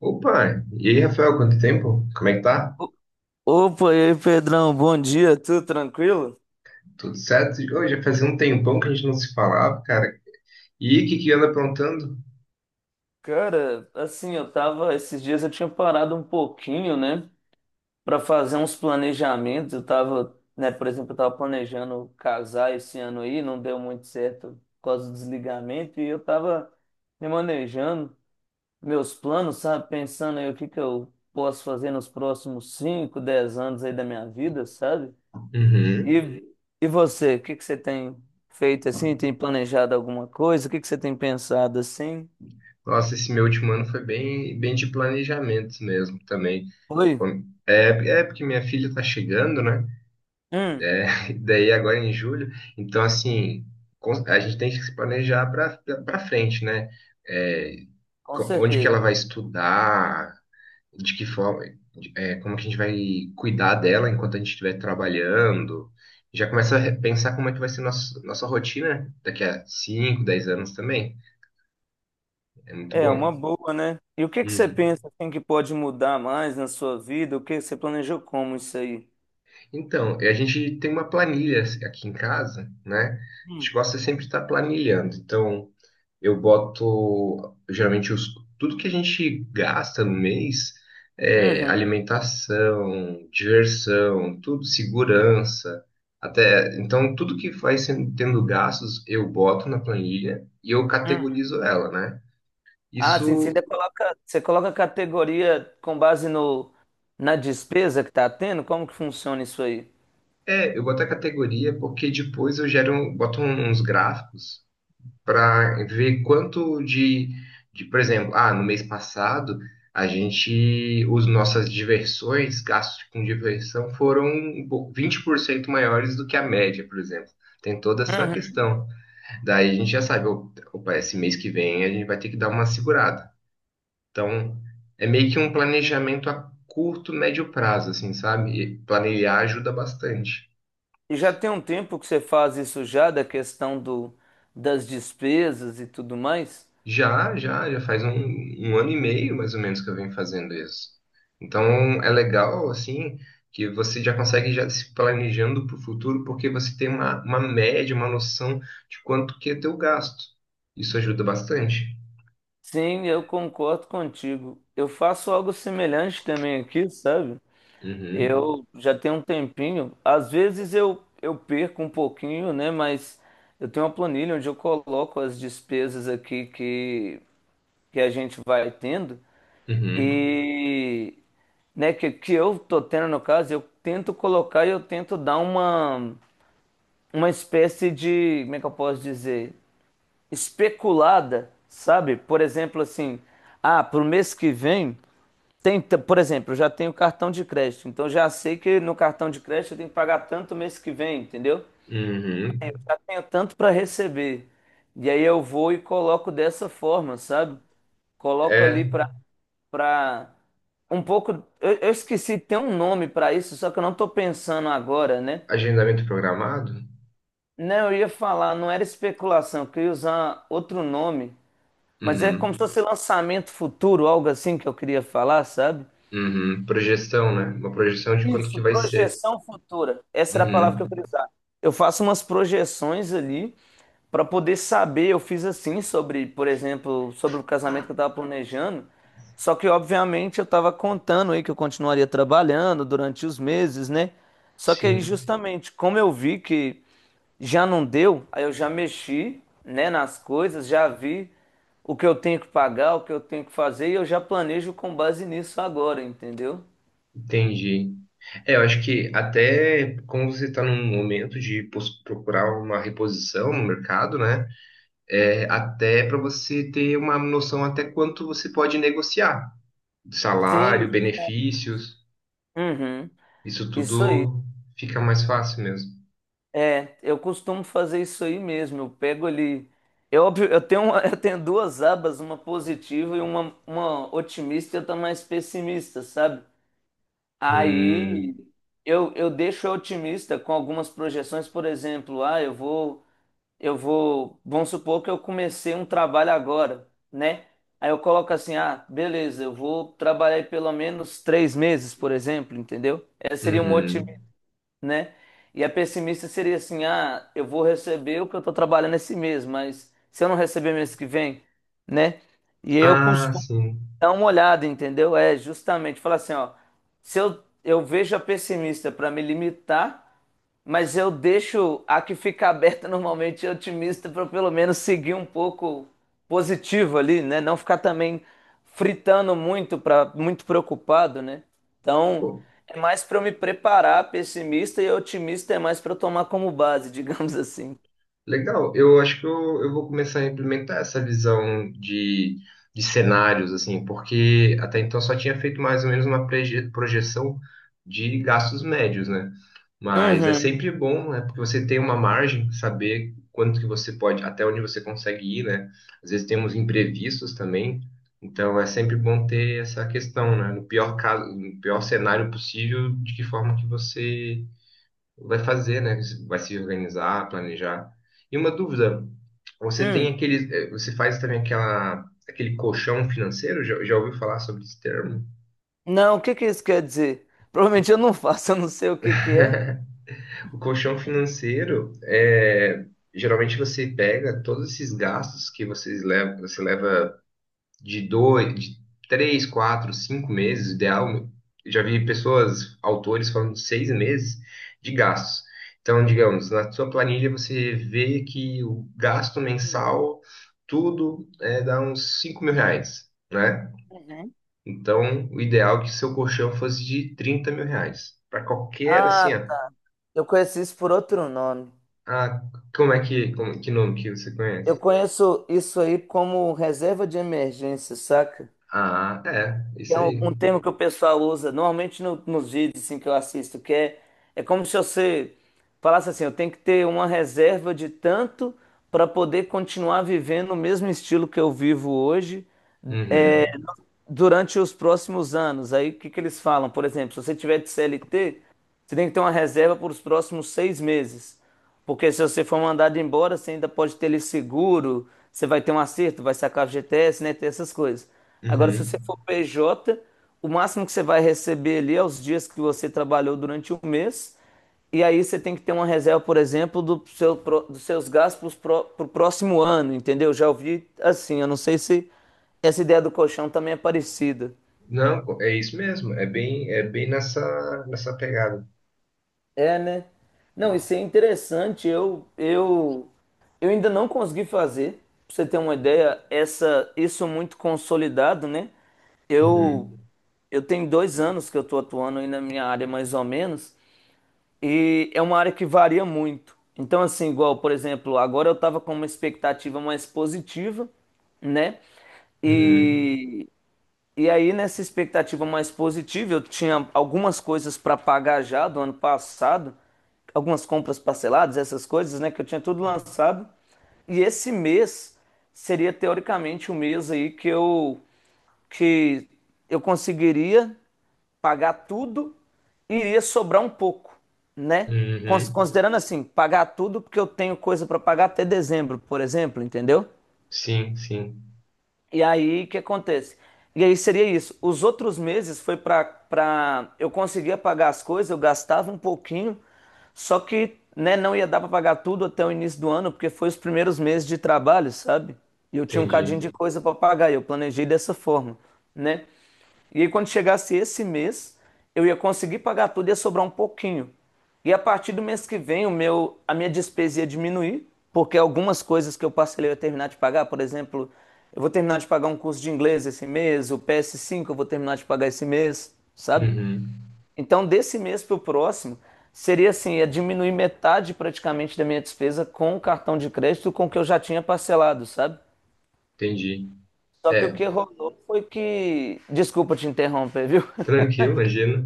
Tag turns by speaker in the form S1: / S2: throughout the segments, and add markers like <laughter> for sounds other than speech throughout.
S1: Opa, e aí, Rafael, quanto tempo? Como é que tá?
S2: O- Opa, e aí, Pedrão, bom dia, tudo tranquilo?
S1: Tudo certo? Ô, já fazia um tempão que a gente não se falava, cara. E o que que anda aprontando?
S2: Cara, assim, eu tava, esses dias eu tinha parado um pouquinho, né, pra fazer uns planejamentos. Eu tava, né, por exemplo, eu tava planejando casar esse ano aí, não deu muito certo por causa do desligamento, e eu tava me manejando meus planos, sabe? Pensando aí o que que eu posso fazer nos próximos 5, 10 anos aí da minha vida, sabe?
S1: Uhum.
S2: E, e você, o que que você tem feito assim? Tem planejado alguma coisa? O que que você tem pensado assim?
S1: Nossa, esse meu último ano foi bem, bem de planejamento mesmo também.
S2: Oi?
S1: Quando- É, é porque minha filha tá chegando, né?
S2: Hum,
S1: <laughs> Daí agora em julho. Então, assim, a gente tem que se planejar para frente, né? É,
S2: com
S1: onde que
S2: certeza.
S1: ela vai estudar, de que forma, é, como que a gente vai cuidar dela enquanto a gente estiver trabalhando. Já começa a pensar como é que vai ser nossa rotina daqui a 5, 10 anos também. É muito
S2: É uma
S1: bom.
S2: boa, né? E o que que você
S1: Uhum.
S2: pensa assim, que pode mudar mais na sua vida? O que você planejou como isso aí?
S1: Então, a gente tem uma planilha aqui em casa, né? A
S2: Hum.
S1: gente gosta sempre de estar planilhando. Então, eu boto geralmente os, tudo que a gente gasta no mês é
S2: Uhum,
S1: alimentação, diversão, tudo, segurança, até então tudo que vai sendo, tendo gastos eu boto na planilha e eu
S2: uhum.
S1: categorizo ela, né?
S2: Ah, sim, sim. você
S1: Isso
S2: coloca, você coloca a categoria com base no, na despesa que está tendo? Como que funciona isso aí?
S1: é, eu boto a categoria porque depois eu gero, boto uns gráficos para ver quanto de, por exemplo, ah, no mês passado a gente, os nossas diversões, gastos com diversão foram 20% maiores do que a média, por exemplo. Tem toda essa questão. Daí a gente já sabe, opa, esse mês que vem a gente vai ter que dar uma segurada. Então, é meio que um planejamento a curto, médio prazo, assim, sabe? E planejar ajuda bastante.
S2: E já tem um tempo que você faz isso já, da questão das despesas e tudo mais?
S1: Já, já, já faz um ano e meio mais ou menos que eu venho fazendo isso. Então é legal, assim, que você já consegue já se planejando para o futuro, porque você tem uma média, uma noção de quanto que é teu gasto. Isso ajuda bastante.
S2: Sim, eu concordo contigo. Eu faço algo semelhante também aqui, sabe?
S1: Uhum,
S2: Eu já tenho um tempinho. Às vezes eu perco um pouquinho, né? Mas eu tenho uma planilha onde eu coloco as despesas aqui que a gente vai tendo.
S1: uhum,
S2: E, né, que eu tô tendo no caso, eu tento colocar e eu tento dar uma espécie de, como é que eu posso dizer, especulada, sabe? Por exemplo, assim, ah, pro mês que vem por exemplo, eu já tenho cartão de crédito, então já sei que no cartão de crédito eu tenho que pagar tanto mês que vem, entendeu?
S1: uhum.
S2: Aí eu já tenho tanto para receber. E aí eu vou e coloco dessa forma, sabe? Coloco ali
S1: É
S2: para um pouco, eu esqueci, tem um nome para isso, só que eu não tô pensando agora, né?
S1: agendamento programado?
S2: Não, eu ia falar, não era especulação, que eu queria usar outro nome, mas é
S1: Uhum,
S2: como se fosse lançamento futuro, algo assim que eu queria falar, sabe?
S1: uhum. Projeção, né?
S2: E-
S1: Uma projeção de quanto
S2: Isso,
S1: que vai ser.
S2: projeção futura. Essa era a palavra que eu queria
S1: Uhum,
S2: usar. Eu faço umas projeções ali pra poder saber, eu fiz assim sobre, por exemplo, sobre o casamento que eu tava planejando. Só que, obviamente, eu tava contando aí que eu continuaria trabalhando durante os meses, né? Só que aí,
S1: sim,
S2: justamente, como eu vi que já não deu, aí eu já mexi, né, nas coisas, já vi o que eu tenho que pagar, o que eu tenho que fazer, e eu já planejo com base nisso agora, entendeu?
S1: entendi. É, eu acho que até como você está num momento de procurar uma reposição no mercado, né? É, até para você ter uma noção até quanto você pode negociar. Salário,
S2: Sim,
S1: benefícios,
S2: uhum,
S1: isso
S2: isso aí.
S1: tudo fica mais fácil mesmo.
S2: É, eu costumo fazer isso aí mesmo. Eu pego ali. É óbvio, <laughs> eu tenho duas abas, uma positiva e uma otimista e outra mais pessimista, sabe? Aí
S1: Hum,
S2: eu deixo a otimista com algumas projeções, por exemplo, ah, eu vou, vamos supor que eu comecei um trabalho agora, né? Aí eu coloco assim, ah, beleza, eu vou trabalhar aí pelo menos 3 meses, por exemplo, entendeu? Essa seria uma,
S1: uhum.
S2: né? E a pessimista seria assim: ah, eu vou receber o que eu tô trabalhando esse mês, mas se eu não receber mês que vem, né? E eu
S1: Ah,
S2: costumo
S1: sim.
S2: dar uma olhada, entendeu? É justamente falar assim: ó, se eu vejo a pessimista para me limitar. Mas eu deixo a que fica aberta <laughs> normalmente otimista para pelo menos seguir um pouco positivo ali, né? Não ficar também fritando muito para muito preocupado, né? Então, é mais para eu me preparar, pessimista e otimista é mais para eu tomar como base, <laughs> digamos assim.
S1: Legal, eu acho que eu vou começar a implementar essa visão de, cenários, assim, porque até então só tinha feito mais ou menos uma projeção de gastos médios, né? Mas é
S2: Uhum.
S1: sempre bom, né? Porque você tem uma margem, saber quanto que você pode, até onde você consegue ir, né? Às vezes temos imprevistos também, então é sempre bom ter essa questão, né? No pior caso, no pior cenário possível, de que forma que você vai fazer, né? Vai se organizar, planejar. E uma dúvida, você tem
S2: Hum.
S1: aquele, você faz também aquela, aquele colchão financeiro? Já ouviu falar sobre esse termo?
S2: Não, o que que isso quer dizer? Provavelmente eu não faço, <laughs> eu não sei o que que é.
S1: O colchão financeiro é, geralmente você pega todos esses gastos que vocês levam, você leva de 2, de 3, 4, 5 meses, o ideal. Eu já vi pessoas, autores, falando de 6 meses de gastos. Então, digamos, na sua planilha você vê que o gasto mensal, tudo, é, dá uns 5.000 reais, né? Então, o ideal é que seu colchão fosse de 30.000 reais. Para qualquer, assim,
S2: Ah,
S1: ó,
S2: eu conheço isso por outro nome.
S1: ah, como é que, como, que nome que você
S2: Eu
S1: conhece?
S2: conheço isso aí como reserva de emergência, saca?
S1: Ah, é, isso
S2: É um,
S1: aí.
S2: um termo que o pessoal usa, normalmente nos vídeos assim, que eu assisto, que é como se você falasse assim, eu tenho que ter uma reserva de tanto para poder continuar vivendo o mesmo estilo que eu vivo hoje, eh,
S1: Uhum,
S2: durante os próximos anos. Aí o que que eles falam? Por exemplo, se você tiver de CLT, você tem que ter uma reserva por os próximos 6 meses. Porque se você for mandado embora, você ainda pode ter ele seguro, você vai ter um acerto, vai sacar FGTS, né? Ter essas coisas. Agora, se você
S1: uhum.
S2: for PJ, o máximo que você vai receber ali é os dias que você trabalhou durante um mês e aí você tem que ter uma reserva, por exemplo, dos seus gastos para o próximo ano, entendeu? Já ouvi assim, eu não sei se essa ideia do colchão também é parecida.
S1: Não, é isso mesmo. É bem nessa, pegada.
S2: É, né? Não, isso é interessante. Eu ainda não consegui fazer, pra você ter uma ideia, isso muito consolidado, né? Eu,
S1: Uhum.
S2: eu tenho 2 anos que eu tô atuando aí na minha área, mais ou menos. E é uma área que varia muito. Então, assim, igual, por exemplo, agora eu estava com uma expectativa mais positiva, né? Uhum.
S1: Uhum.
S2: E e aí, nessa expectativa mais positiva, eu tinha algumas coisas para pagar já do ano passado, algumas compras parceladas, essas coisas, né, que eu tinha tudo lançado. E esse mês seria teoricamente o mês aí que eu conseguiria pagar tudo e iria sobrar um pouco, né?
S1: Uhum.
S2: Considerando assim, pagar tudo porque eu tenho coisa para pagar até dezembro, por exemplo, entendeu?
S1: Sim, sim.
S2: E aí, o que acontece? E aí seria isso. Os outros meses foi para eu conseguia pagar as coisas, eu gastava um pouquinho, só que, né, não ia dar para pagar tudo até o início do ano, porque foi os primeiros meses de trabalho, sabe? E eu tinha um
S1: Entendi.
S2: cadinho de coisa para pagar, e eu planejei dessa forma, né? E aí, quando chegasse esse mês, eu ia conseguir pagar tudo e ia sobrar um pouquinho. E a partir do mês que vem, a minha despesa ia diminuir, porque algumas coisas que eu parcelei eu ia terminar de pagar. Por exemplo, eu vou terminar de pagar um curso de inglês esse mês, o PS5 eu vou terminar de pagar esse mês, sabe?
S1: Uhum.
S2: Então, desse mês para o próximo, seria assim, ia diminuir metade praticamente da minha despesa com o cartão de crédito com o que eu já tinha parcelado, sabe?
S1: Entendi.
S2: Só que o
S1: É,
S2: que rolou foi que. Desculpa te interromper, viu? <laughs>
S1: tranquilo, imagina.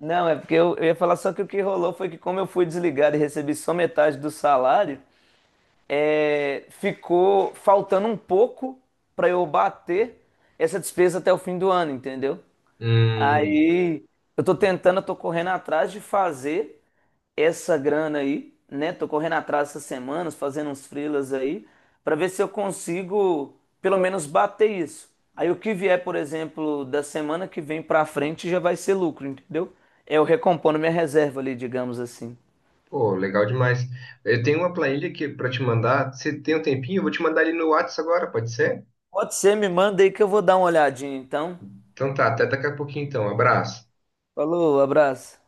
S2: Não, é porque eu ia falar só que o que rolou foi que como eu fui desligado e recebi só metade do salário, é, ficou faltando um pouco para eu bater essa despesa até o fim do ano, entendeu?
S1: Hum,
S2: Aí eu tô tentando, eu tô correndo atrás de fazer essa grana aí, né? Tô correndo atrás essas semanas, fazendo uns freelas aí, pra ver se eu consigo pelo menos bater isso. Aí o que vier, por exemplo, da semana que vem pra frente já vai ser lucro, entendeu? É, eu recompondo minha reserva ali, digamos assim.
S1: pô, legal demais. Eu tenho uma planilha aqui para te mandar. Você tem um tempinho? Eu vou te mandar ali no WhatsApp agora, pode ser?
S2: Pode ser, me manda aí que eu vou dar uma olhadinha, então.
S1: Então tá, até daqui a pouquinho então. Abraço.
S2: Falou, abraço.